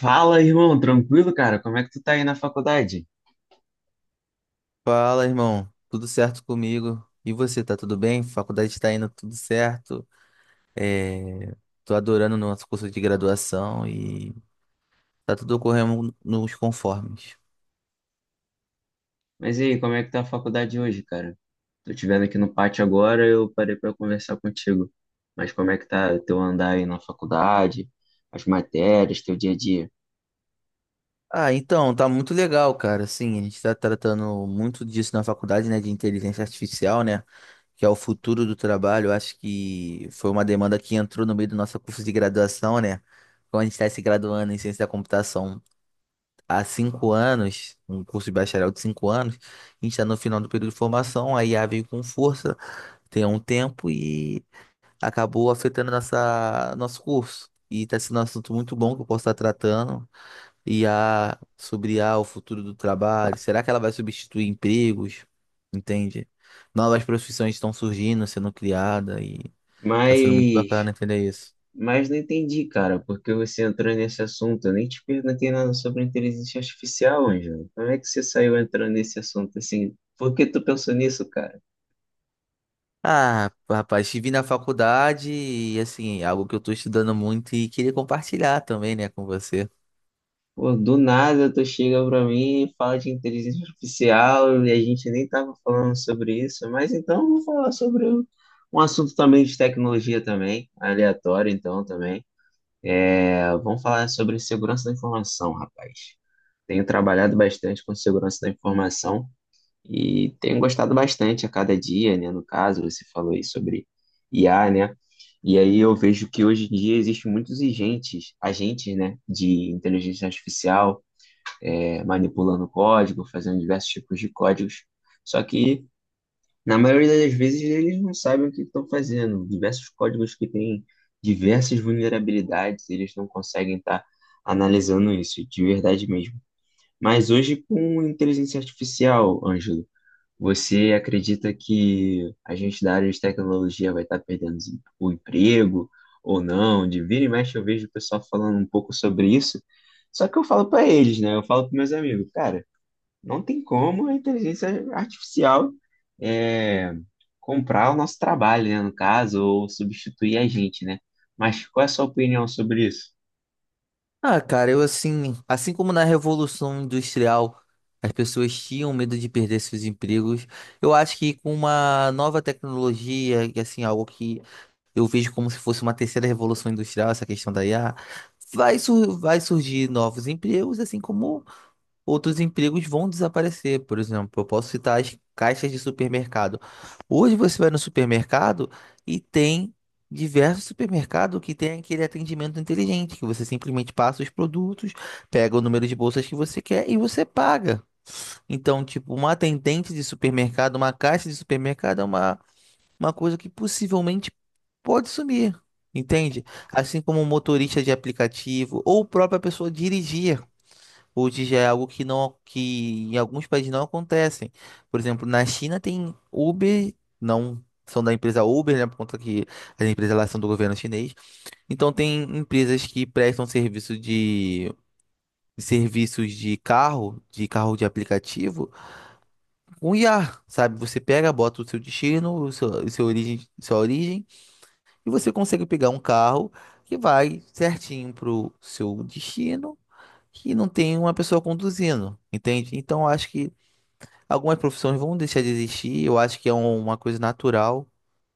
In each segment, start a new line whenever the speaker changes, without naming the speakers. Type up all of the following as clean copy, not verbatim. Fala, irmão, tranquilo, cara? Como é que tu tá aí na faculdade?
Fala, irmão. Tudo certo comigo? E você, tá tudo bem? Faculdade tá indo tudo certo. É... Tô adorando o nosso curso de graduação e tá tudo ocorrendo nos conformes.
Mas e aí, como é que tá a faculdade hoje, cara? Tô te vendo aqui no pátio agora, eu parei pra conversar contigo. Mas como é que tá teu andar aí na faculdade, as matérias, teu dia a dia?
Ah, então, tá muito legal, cara. Assim, a gente tá tratando muito disso na faculdade, né, de inteligência artificial, né, que é o futuro do trabalho. Eu acho que foi uma demanda que entrou no meio do nosso curso de graduação, né, quando a gente tá se graduando em ciência da computação há 5 anos, um curso de bacharel de 5 anos, a gente está no final do período de formação, a IA veio com força, tem um tempo e acabou afetando nosso curso. E está sendo um assunto muito bom que eu posso estar tratando. IA, sobre I a o futuro do trabalho, será que ela vai substituir empregos? Entende? Novas profissões estão surgindo, sendo criadas e está sendo muito
Mas,
bacana entender isso.
mas não entendi, cara, porque você entrou nesse assunto. Eu nem te perguntei nada sobre inteligência artificial, Ângelo. Como é que você saiu entrando nesse assunto assim? Por que tu pensou nisso, cara?
Ah, rapaz, estive na faculdade e, assim, é algo que eu tô estudando muito e queria compartilhar também, né, com você.
Pô, do nada tu chega pra mim e fala de inteligência artificial e a gente nem tava falando sobre isso, mas então eu vou falar sobre um assunto também de tecnologia também, aleatório então também. É, vamos falar sobre segurança da informação, rapaz. Tenho trabalhado bastante com segurança da informação e tenho gostado bastante a cada dia, né? No caso, você falou aí sobre IA, né? E aí eu vejo que hoje em dia existem muitos agentes, né, de inteligência artificial manipulando código, fazendo diversos tipos de códigos. Só que, na maioria das vezes, eles não sabem o que estão fazendo. Diversos códigos que têm diversas vulnerabilidades, eles não conseguem estar analisando isso de verdade mesmo. Mas hoje, com inteligência artificial, Ângelo, você acredita que a gente da área de tecnologia vai estar perdendo o emprego ou não? De vira e mexe eu vejo o pessoal falando um pouco sobre isso. Só que eu falo para eles, né? Eu falo para meus amigos, cara, não tem como a inteligência artificial é, comprar o nosso trabalho, né, no caso, ou substituir a gente, né? Mas qual é a sua opinião sobre isso?
Ah, cara, eu, assim, assim como na Revolução Industrial as pessoas tinham medo de perder seus empregos, eu acho que com uma nova tecnologia, e, assim, algo que eu vejo como se fosse uma terceira Revolução Industrial, essa questão da IA, vai surgir novos empregos, assim como outros empregos vão desaparecer. Por exemplo, eu posso citar as caixas de supermercado. Hoje você vai no supermercado e tem diversos supermercados que tem aquele atendimento inteligente, que você simplesmente passa os produtos, pega o número de bolsas que você quer e você paga. Então, tipo, uma atendente de supermercado, uma caixa de supermercado é uma coisa que possivelmente pode sumir. Entende? Assim como um motorista de aplicativo ou própria pessoa dirigir. Hoje já é algo que não, que em alguns países não acontecem. Por exemplo, na China tem Uber, não são da empresa Uber, né, por conta que as empresas lá são do governo chinês. Então tem empresas que prestam serviço de serviços de carro de aplicativo, com I a sabe? Você pega, bota o seu destino, o seu origem, sua origem, e você consegue pegar um carro que vai certinho pro seu destino, que não tem uma pessoa conduzindo, entende? Então acho que algumas profissões vão deixar de existir, eu acho que é uma coisa natural,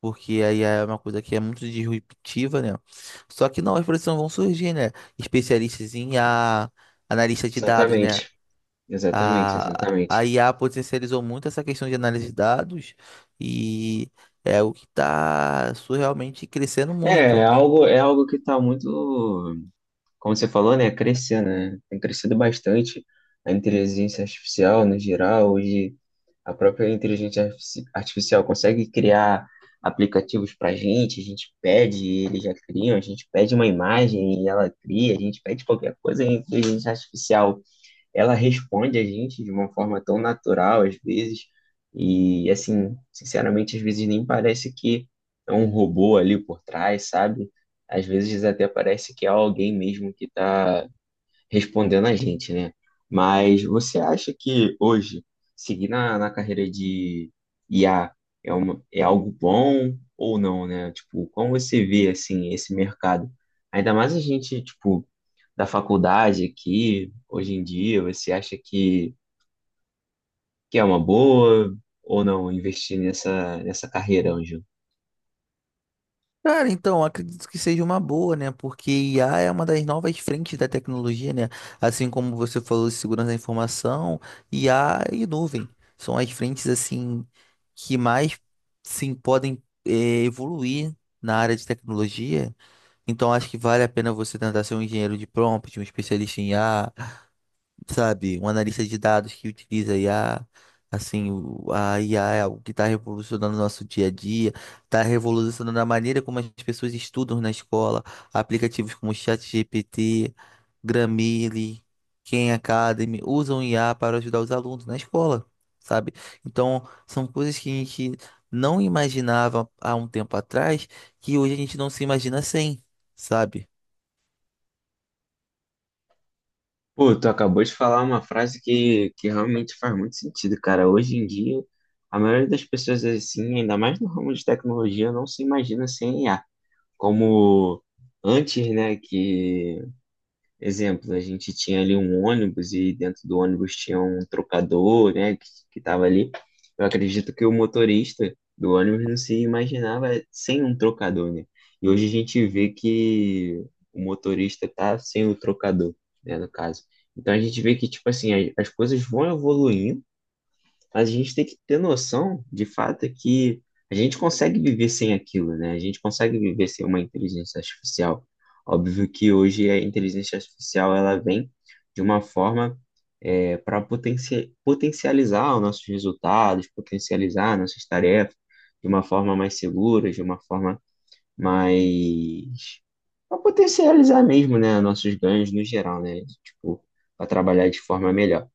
porque aí é uma coisa que é muito disruptiva, né? Só que novas profissões vão surgir, né? Especialistas em I a analista de dados, né?
Exatamente, exatamente,
A,
exatamente.
a IA potencializou muito essa questão de análise de dados e é o que está surrealmente crescendo
É, é
muito.
algo, é algo que está muito, como você falou, né, crescendo, né? Tem crescido bastante a inteligência artificial no geral. Hoje a própria artificial consegue criar aplicativos para a gente pede, e eles já criam, a gente pede uma imagem e ela cria, a gente pede qualquer coisa, e a inteligência artificial, ela responde a gente de uma forma tão natural às vezes, e assim, sinceramente, às vezes nem parece que é um robô ali por trás, sabe? Às vezes até parece que é alguém mesmo que está respondendo a gente, né? Mas você acha que hoje seguir na carreira de IA é algo bom ou não, né? Tipo, como você vê assim esse mercado? Ainda mais a gente, tipo, da faculdade aqui, hoje em dia, você acha que é uma boa ou não investir nessa carreira, Anjo?
Cara, então, acredito que seja uma boa, né? Porque IA é uma das novas frentes da tecnologia, né? Assim como você falou de segurança da informação, IA e nuvem são as frentes, assim, que mais, sim, podem, evoluir na área de tecnologia. Então, acho que vale a pena você tentar ser um engenheiro de prompt, um especialista em IA, sabe? Um analista de dados que utiliza IA, assim, a IA é algo que está revolucionando o nosso dia a dia, está revolucionando a maneira como as pessoas estudam na escola, aplicativos como o ChatGPT, Grammarly, Khan Academy usam IA para ajudar os alunos na escola, sabe? Então, são coisas que a gente não imaginava há um tempo atrás, que hoje a gente não se imagina sem, sabe?
Pô, tu acabou de falar uma frase que realmente faz muito sentido, cara. Hoje em dia, a maioria das pessoas, assim, ainda mais no ramo de tecnologia, não se imagina sem I a. Como antes, né, que exemplo, a gente tinha ali um ônibus e dentro do ônibus tinha um trocador, né, que estava ali. Eu acredito que o motorista do ônibus não se imaginava sem um trocador, né? E hoje a gente vê que o motorista tá sem o trocador, né, no caso. Então a gente vê que, tipo assim, as coisas vão evoluindo, mas a gente tem que ter noção, de fato, é que a gente consegue viver sem aquilo, né? A gente consegue viver sem uma inteligência artificial. Óbvio que hoje a inteligência artificial ela vem de uma forma para potencializar os nossos resultados, potencializar nossas tarefas de uma forma mais segura, de uma forma mais para potencializar mesmo, né, nossos ganhos no geral, né? Tipo, para trabalhar de forma melhor.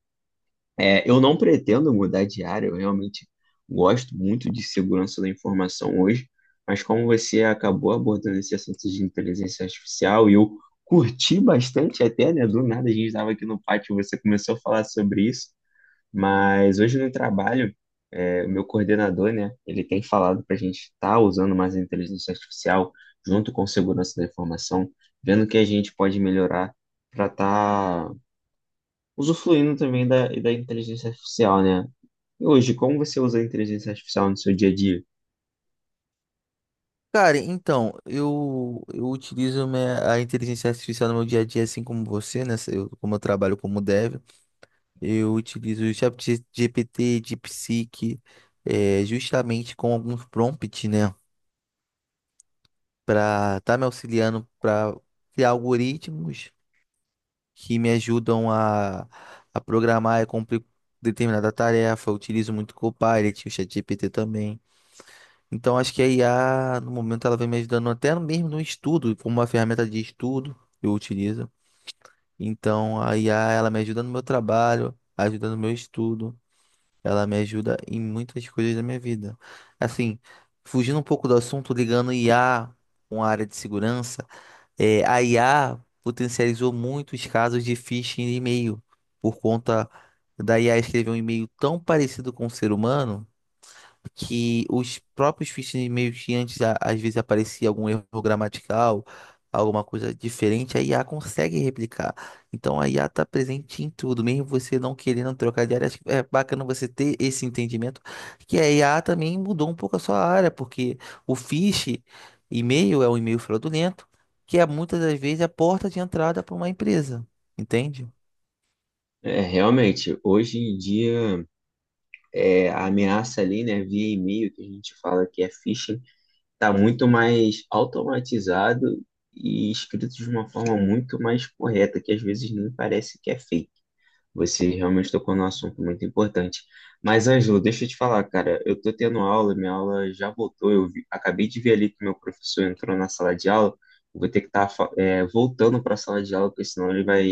É, eu não pretendo mudar de área, eu realmente gosto muito de segurança da informação hoje, mas como você acabou abordando esse assunto de inteligência artificial, e eu curti bastante até, né? Do nada a gente estava aqui no pátio, e você começou a falar sobre isso, mas hoje no trabalho, o meu coordenador, né, ele tem falado para a gente estar usando mais a inteligência artificial junto com segurança da informação, vendo o que a gente pode melhorar para estar usufruindo também da inteligência artificial, né? E hoje, como você usa a inteligência artificial no seu dia a dia?
Cara, então, eu utilizo a inteligência artificial no meu dia a dia, assim como você, né? Eu, como eu trabalho como dev, eu utilizo o ChatGPT, DeepSeek, justamente com alguns prompts, né? Para estar me auxiliando para criar algoritmos que me ajudam a programar e cumprir determinada tarefa. Eu utilizo muito o Copilot, o ChatGPT também. Então acho que a IA, no momento, ela vem me ajudando até mesmo no estudo, como uma ferramenta de estudo eu utilizo. Então a IA, ela me ajuda no meu trabalho, ajuda no meu estudo, ela me ajuda em muitas coisas da minha vida. Assim, fugindo um pouco do assunto, ligando IA com a área de segurança, a IA potencializou muitos casos de phishing de e-mail por conta da IA escrever um e-mail tão parecido com o ser humano que os próprios fichas meio que antes, às vezes aparecia algum erro gramatical, alguma coisa diferente, a IA consegue replicar. Então a IA está presente em tudo, mesmo você não querendo trocar de área. Acho que é bacana você ter esse entendimento que a IA também mudou um pouco a sua área, porque o phishing e-mail é um e-mail fraudulento, que é muitas das vezes a porta de entrada para uma empresa, entende?
É, realmente, hoje em dia, a ameaça ali, né, via e-mail, que a gente fala que é phishing, está muito mais automatizado e escrito de uma forma muito mais correta, que às vezes nem parece que é fake. Você realmente tocou num assunto muito importante. Mas, Ângelo, deixa eu te falar, cara, eu tô tendo aula, minha aula já voltou, acabei de ver ali que meu professor entrou na sala de aula, eu vou ter que estar voltando para a sala de aula, porque senão ele vai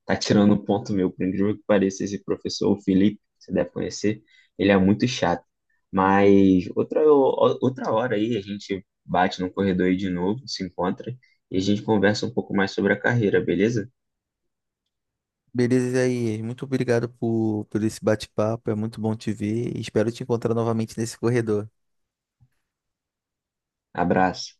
estar tirando ponto meu, por incrível que pareça, esse professor, o Felipe, você deve conhecer, ele é muito chato. Mas outra, outra hora aí a gente bate no corredor aí de novo, se encontra, e a gente conversa um pouco mais sobre a carreira, beleza?
Beleza aí, muito obrigado por esse bate-papo, é muito bom te ver e espero te encontrar novamente nesse corredor.
Abraço.